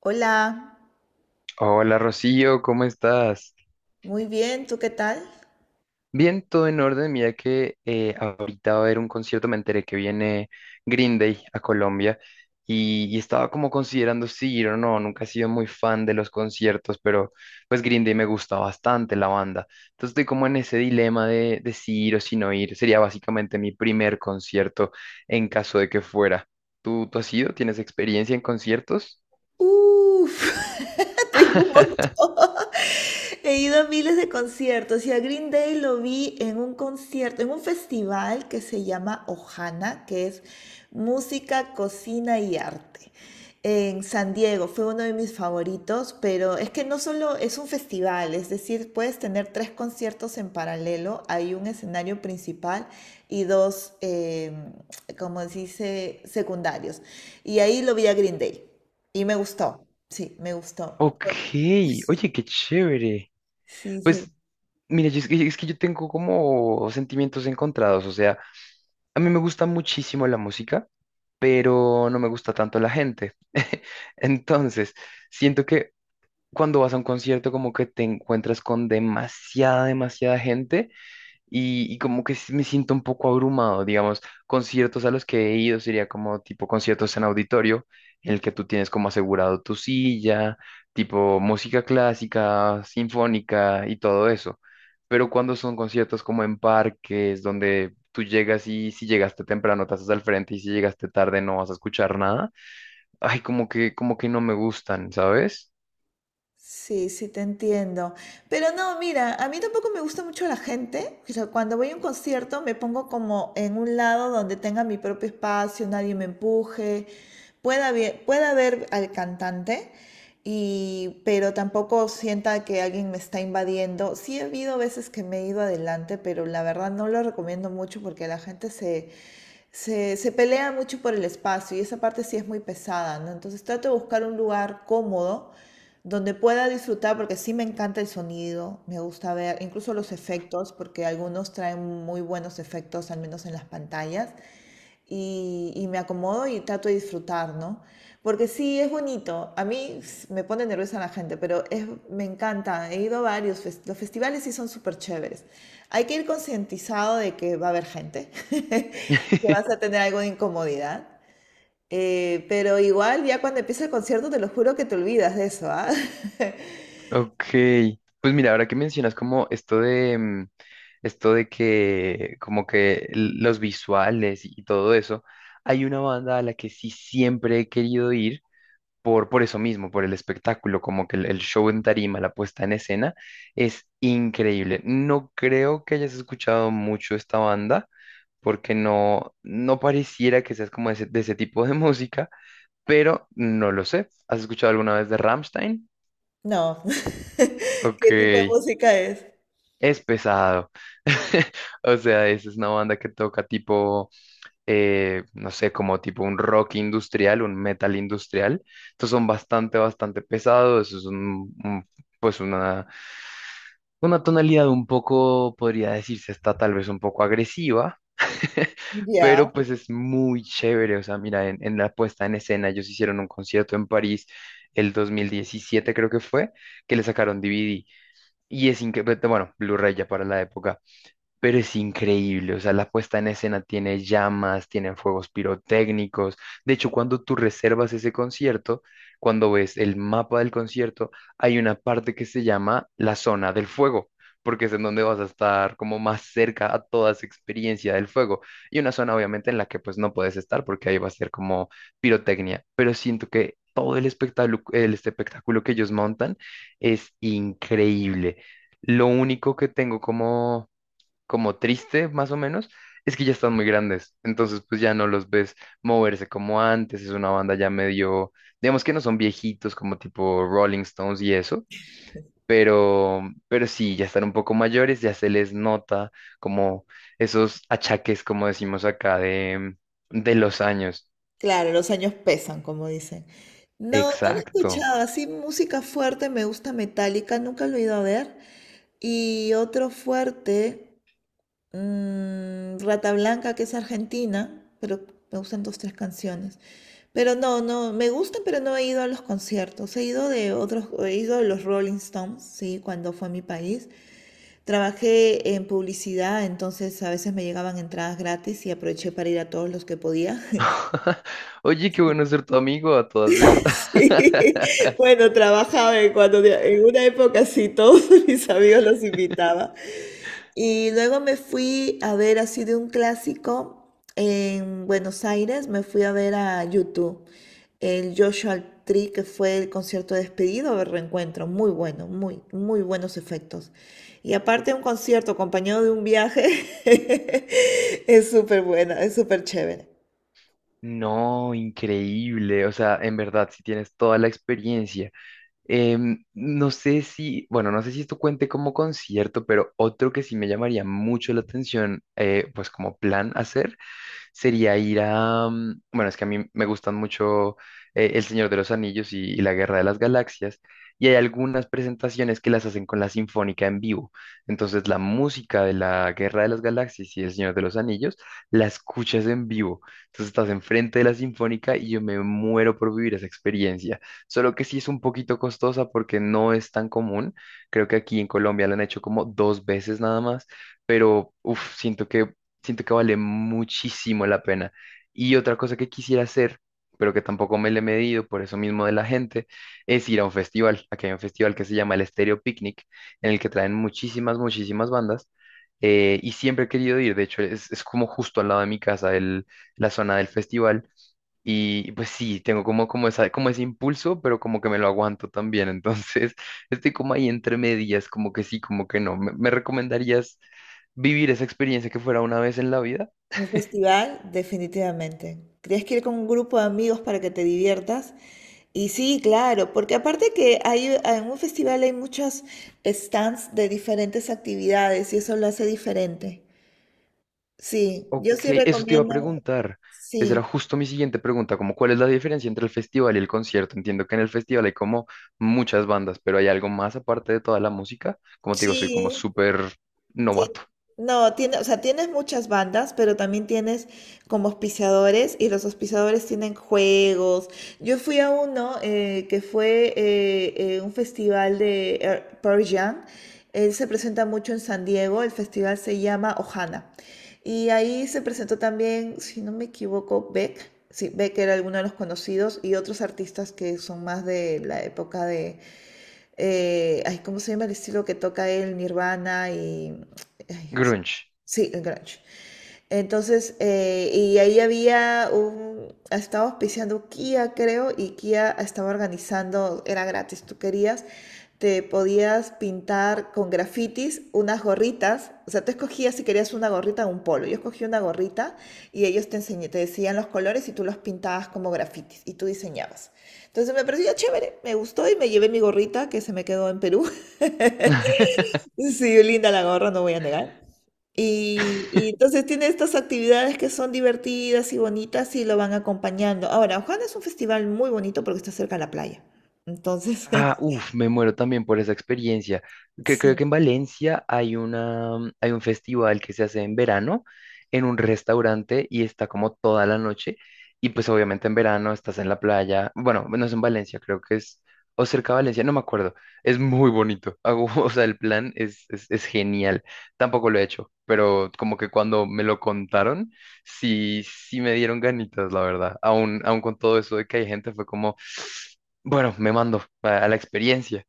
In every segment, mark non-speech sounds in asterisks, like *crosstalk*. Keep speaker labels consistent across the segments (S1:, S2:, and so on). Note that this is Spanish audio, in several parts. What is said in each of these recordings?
S1: Hola,
S2: Hola Rocío, ¿cómo estás?
S1: muy bien, ¿tú qué tal?
S2: Bien, todo en orden. Mira que ahorita va a haber un concierto, me enteré que viene Green Day a Colombia y estaba como considerando si ir o no. Nunca he sido muy fan de los conciertos, pero pues Green Day me gusta bastante la banda. Entonces estoy como en ese dilema de si ir o si no ir. Sería básicamente mi primer concierto en caso de que fuera. ¿Tú has ido? ¿Tienes experiencia en conciertos?
S1: Uf, *laughs* tengo un montón.
S2: *laughs*
S1: *laughs* He ido a miles de conciertos y a Green Day lo vi en un concierto, en un festival que se llama Ohana, que es música, cocina y arte. En San Diego fue uno de mis favoritos, pero es que no solo es un festival, es decir, puedes tener tres conciertos en paralelo, hay un escenario principal y dos, como se dice, secundarios. Y ahí lo vi a Green Day. Y me gustó, sí, me gustó.
S2: Ok,
S1: Por- *laughs*
S2: oye, qué chévere.
S1: Sí, sí.
S2: Pues, mira, es que yo tengo como sentimientos encontrados, o sea, a mí me gusta muchísimo la música, pero no me gusta tanto la gente. *laughs* Entonces, siento que cuando vas a un concierto como que te encuentras con demasiada, demasiada gente y como que me siento un poco abrumado, digamos, conciertos a los que he ido sería como tipo conciertos en auditorio, en el que tú tienes como asegurado tu silla, tipo música clásica, sinfónica y todo eso. Pero cuando son conciertos como en parques, donde tú llegas y si llegaste temprano te haces al frente y si llegaste tarde no vas a escuchar nada, ay, como que no me gustan, ¿sabes?
S1: Sí, sí, te entiendo. Pero no, mira, a mí tampoco me gusta mucho la gente. O sea, cuando voy a un concierto me pongo como en un lado donde tenga mi propio espacio, nadie me empuje, pueda ver al cantante, y, pero tampoco sienta que alguien me está invadiendo. Sí, he habido veces que me he ido adelante, pero la verdad no lo recomiendo mucho porque la gente se pelea mucho por el espacio y esa parte sí es muy pesada, ¿no? Entonces trato de buscar un lugar cómodo donde pueda disfrutar, porque sí me encanta el sonido, me gusta ver incluso los efectos, porque algunos traen muy buenos efectos, al menos en las pantallas, y me acomodo y trato de disfrutar, ¿no? Porque sí, es bonito, a mí s- me pone nerviosa la gente, pero es, me encanta, he ido a varios, fes- los festivales sí son súper chéveres. Hay que ir concientizado de que va a haber gente, *laughs* que vas a
S2: *laughs*
S1: tener algo de incomodidad. Pero igual ya cuando empieza el concierto te lo juro que te olvidas de eso, ¿ah? *laughs*
S2: Ok, pues mira, ahora que mencionas como esto de, esto de que como que los visuales y todo eso, hay una banda a la que sí siempre he querido ir por eso mismo, por el espectáculo, como que el show en tarima, la puesta en escena, es increíble. No creo que hayas escuchado mucho esta banda, porque no pareciera que seas como de de ese tipo de *laughs* música, pero no lo sé. ¿Has escuchado alguna vez de Rammstein?
S1: No. *laughs*
S2: Ok.
S1: ¿Qué tipo de música es?
S2: Es pesado. *laughs* O sea, esa es una banda que toca tipo, no sé, como tipo un rock industrial, un metal industrial. Estos son bastante, bastante pesados. Eso es pues una tonalidad un poco, podría decirse, está tal vez un poco agresiva. *laughs*
S1: Ya.
S2: Pero pues es muy chévere. O sea, mira, en la puesta en escena, ellos hicieron un concierto en París el 2017, creo que fue, que le sacaron DVD. Y es increíble, bueno, Blu-ray ya para la época pero es increíble, o sea, la puesta en escena tiene llamas, tienen fuegos pirotécnicos. De hecho, cuando tú reservas ese concierto, cuando ves el mapa del concierto, hay una parte que se llama la zona del fuego, porque es en donde vas a estar como más cerca a toda esa experiencia del fuego. Y una zona obviamente en la que pues no puedes estar porque ahí va a ser como pirotecnia, pero siento que todo el espectáculo que ellos montan es increíble. Lo único que tengo como triste, más o menos, es que ya están muy grandes. Entonces, pues ya no los ves moverse como antes. Es una banda ya medio, digamos que no son viejitos como tipo Rolling Stones y eso, pero, pero sí, ya están un poco mayores, ya se les nota como esos achaques, como decimos acá, de los años.
S1: Claro, los años pesan, como dicen. No, no lo he
S2: Exacto.
S1: escuchado. Así música fuerte, me gusta Metallica, nunca lo he ido a ver. Y otro fuerte, Rata Blanca, que es argentina, pero me gustan dos, tres canciones. Pero no, no, me gustan, pero no he ido a los conciertos. He ido de otros, he ido de los Rolling Stones, sí, cuando fue a mi país. Trabajé en publicidad, entonces a veces me llegaban entradas gratis y aproveché para ir a todos los que podía. *laughs*
S2: *laughs* Oye, qué bueno ser tu amigo a todas
S1: Sí,
S2: estas. *laughs*
S1: bueno, trabajaba en cuando en una época sí, todos *laughs* mis amigos los invitaba. Y luego me fui a ver así de un clásico en Buenos Aires, me fui a ver a YouTube el Joshua Tree, que fue el concierto de despedido de reencuentro, muy bueno, muy, muy buenos efectos. Y aparte un concierto acompañado de un viaje, *laughs* es súper buena, es súper chévere.
S2: No, increíble. O sea, en verdad, si tienes toda la experiencia. No sé si, bueno, no sé si esto cuente como concierto, pero otro que sí me llamaría mucho la atención, pues como plan hacer, sería ir a... Bueno, es que a mí me gustan mucho El Señor de los Anillos y La Guerra de las Galaxias, y hay algunas presentaciones que las hacen con la Sinfónica en vivo. Entonces, la música de La Guerra de las Galaxias y El Señor de los Anillos la escuchas en vivo. Entonces, estás enfrente de la Sinfónica y yo me muero por vivir esa experiencia. Solo que sí es un poquito costosa porque no es tan común. Creo que aquí en Colombia la han hecho como dos veces nada más, pero uf, siento que vale muchísimo la pena. Y otra cosa que quisiera hacer, pero que tampoco me le he medido por eso mismo de la gente, es ir a un festival. Aquí hay un festival que se llama el Estéreo Picnic, en el que traen muchísimas, muchísimas bandas. Y siempre he querido ir, de hecho es como justo al lado de mi casa la zona del festival y pues sí, tengo como, como, esa, como ese impulso, pero como que me lo aguanto también. Entonces, *laughs* estoy como ahí entre medias, como que sí, como que no. ¿Me recomendarías vivir esa experiencia que fuera una vez en la vida?
S1: Un festival, definitivamente. Tienes que ir con un grupo de amigos para que te diviertas. Y sí, claro, porque aparte que hay, en un festival hay muchos stands de diferentes actividades y eso lo hace diferente. Sí, yo
S2: Ok,
S1: sí
S2: eso te iba a
S1: recomiendo.
S2: preguntar. Esa era
S1: Sí,
S2: justo mi siguiente pregunta, como cuál es la diferencia entre el festival y el concierto. Entiendo que en el festival hay como muchas bandas, pero hay algo más aparte de toda la música. Como te digo, soy como
S1: sí.
S2: súper
S1: Tien-
S2: novato.
S1: No, tiene, o sea, tienes muchas bandas, pero también tienes como auspiciadores y los auspiciadores tienen juegos. Yo fui a uno que fue un festival de Pearl Jam. Él se presenta mucho en San Diego, el festival se llama Ohana. Y ahí se presentó también, si no me equivoco, Beck. Sí, Beck era alguno de los conocidos y otros artistas que son más de la época de, ay, ¿cómo se llama el estilo que toca él, Nirvana y... ay,
S2: Grunge.
S1: sí, el grunge. Entonces, y ahí había un, estaba auspiciando Kia, creo, y Kia estaba organizando, era gratis, tú querías, te podías pintar con grafitis unas gorritas, o sea, tú escogías si querías una gorrita o un polo, yo escogí una gorrita y ellos te enseñé, te decían los colores y tú los pintabas como grafitis y tú diseñabas. Entonces me pareció chévere, me gustó y me llevé mi gorrita que se me quedó en Perú. *laughs*
S2: *laughs*
S1: Sí, linda la gorra, no voy a negar. Y entonces tiene estas actividades que son divertidas y bonitas y lo van acompañando. Ahora, Ojana es un festival muy bonito porque está cerca de la playa. Entonces,
S2: Ah,
S1: *laughs*
S2: uff, me muero también por esa experiencia. Que creo
S1: sí.
S2: que en Valencia hay una, hay un festival que se hace en verano en un restaurante y está como toda la noche. Y pues obviamente en verano estás en la playa. Bueno, no es en Valencia, creo que es o cerca de Valencia, no me acuerdo. Es muy bonito. Hago, *laughs* o sea, el plan es genial. Tampoco lo he hecho, pero como que cuando me lo contaron, sí me dieron ganitas, la verdad. Aún con todo eso de que hay gente, fue como... Bueno, me mando a la experiencia.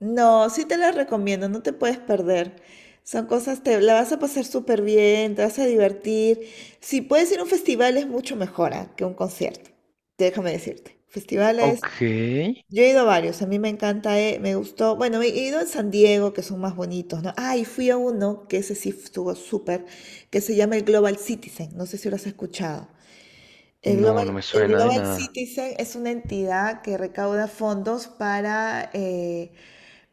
S1: No, sí te las recomiendo, no te puedes perder. Son cosas, te la vas a pasar súper bien, te vas a divertir. Si puedes ir a un festival es mucho mejor, ah, que un concierto. Déjame decirte. Festivales.
S2: Ok.
S1: Yo he ido a varios, a mí me encanta, me gustó. Bueno, he ido en San Diego, que son más bonitos, ¿no? Ah, y fui a uno, que ese sí estuvo súper, que se llama el Global Citizen, no sé si lo has escuchado.
S2: No, no me
S1: El
S2: suena de
S1: Global
S2: nada.
S1: Citizen es una entidad que recauda fondos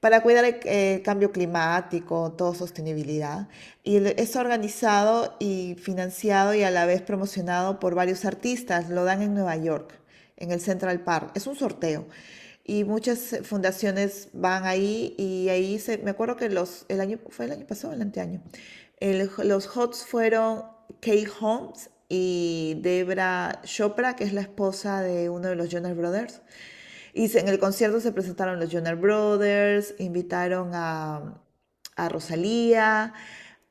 S1: para cuidar el, cambio climático, todo sostenibilidad. Y el- es organizado y financiado y a la vez promocionado por varios artistas. Lo dan en Nueva York, en el Central Park. Es un sorteo. Y muchas fundaciones van ahí y ahí se, me acuerdo que los, el año, fue el año pasado, el anteaño, el- los HOTS fueron Kate Holmes y Debra Chopra, que es la esposa de uno de los Jonas Brothers. Y en el concierto se presentaron los Jonas Brothers, invitaron a Rosalía,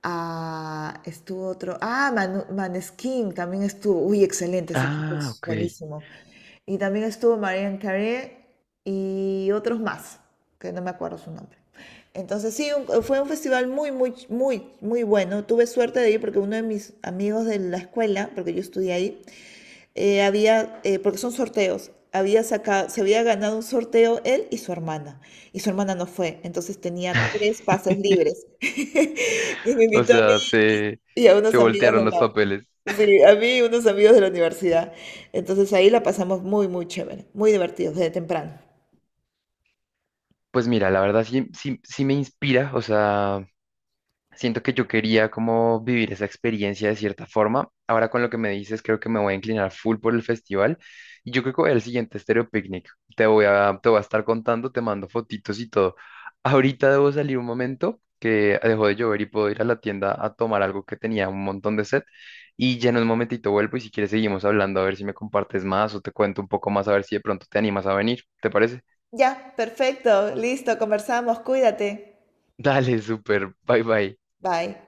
S1: a, estuvo otro, ah, Manu- Maneskin también estuvo, uy, excelente, ese chico
S2: Ah,
S1: es
S2: ok.
S1: buenísimo. Y también estuvo Marianne Carey y otros más, que no me acuerdo su nombre. Entonces sí, un- fue un festival muy, muy, muy, muy bueno. Tuve suerte de ir porque uno de mis amigos de la escuela, porque yo estudié ahí, había, porque son sorteos, había sacado, se había ganado un sorteo él y su hermana no fue, entonces tenía tres
S2: *laughs*
S1: pases libres. *laughs* Y me
S2: O
S1: invitó a mí
S2: sea,
S1: y a
S2: se
S1: unos amigos
S2: voltearon
S1: de
S2: los
S1: la,
S2: papeles.
S1: sí, a mí y unos amigos de la universidad. Entonces ahí la pasamos muy, muy chévere, muy divertidos desde temprano.
S2: Pues mira, la verdad sí me inspira, o sea, siento que yo quería como vivir esa experiencia de cierta forma. Ahora con lo que me dices, creo que me voy a inclinar full por el festival. Y yo creo que voy al siguiente Stereo Picnic. Te voy a estar contando, te mando fotitos y todo. Ahorita debo salir un momento que dejó de llover y puedo ir a la tienda a tomar algo que tenía un montón de sed. Y ya en un momentito vuelvo y si quieres seguimos hablando a ver si me compartes más o te cuento un poco más a ver si de pronto te animas a venir. ¿Te parece?
S1: Ya, perfecto, listo, conversamos, cuídate.
S2: Dale, súper. Bye bye.
S1: Bye.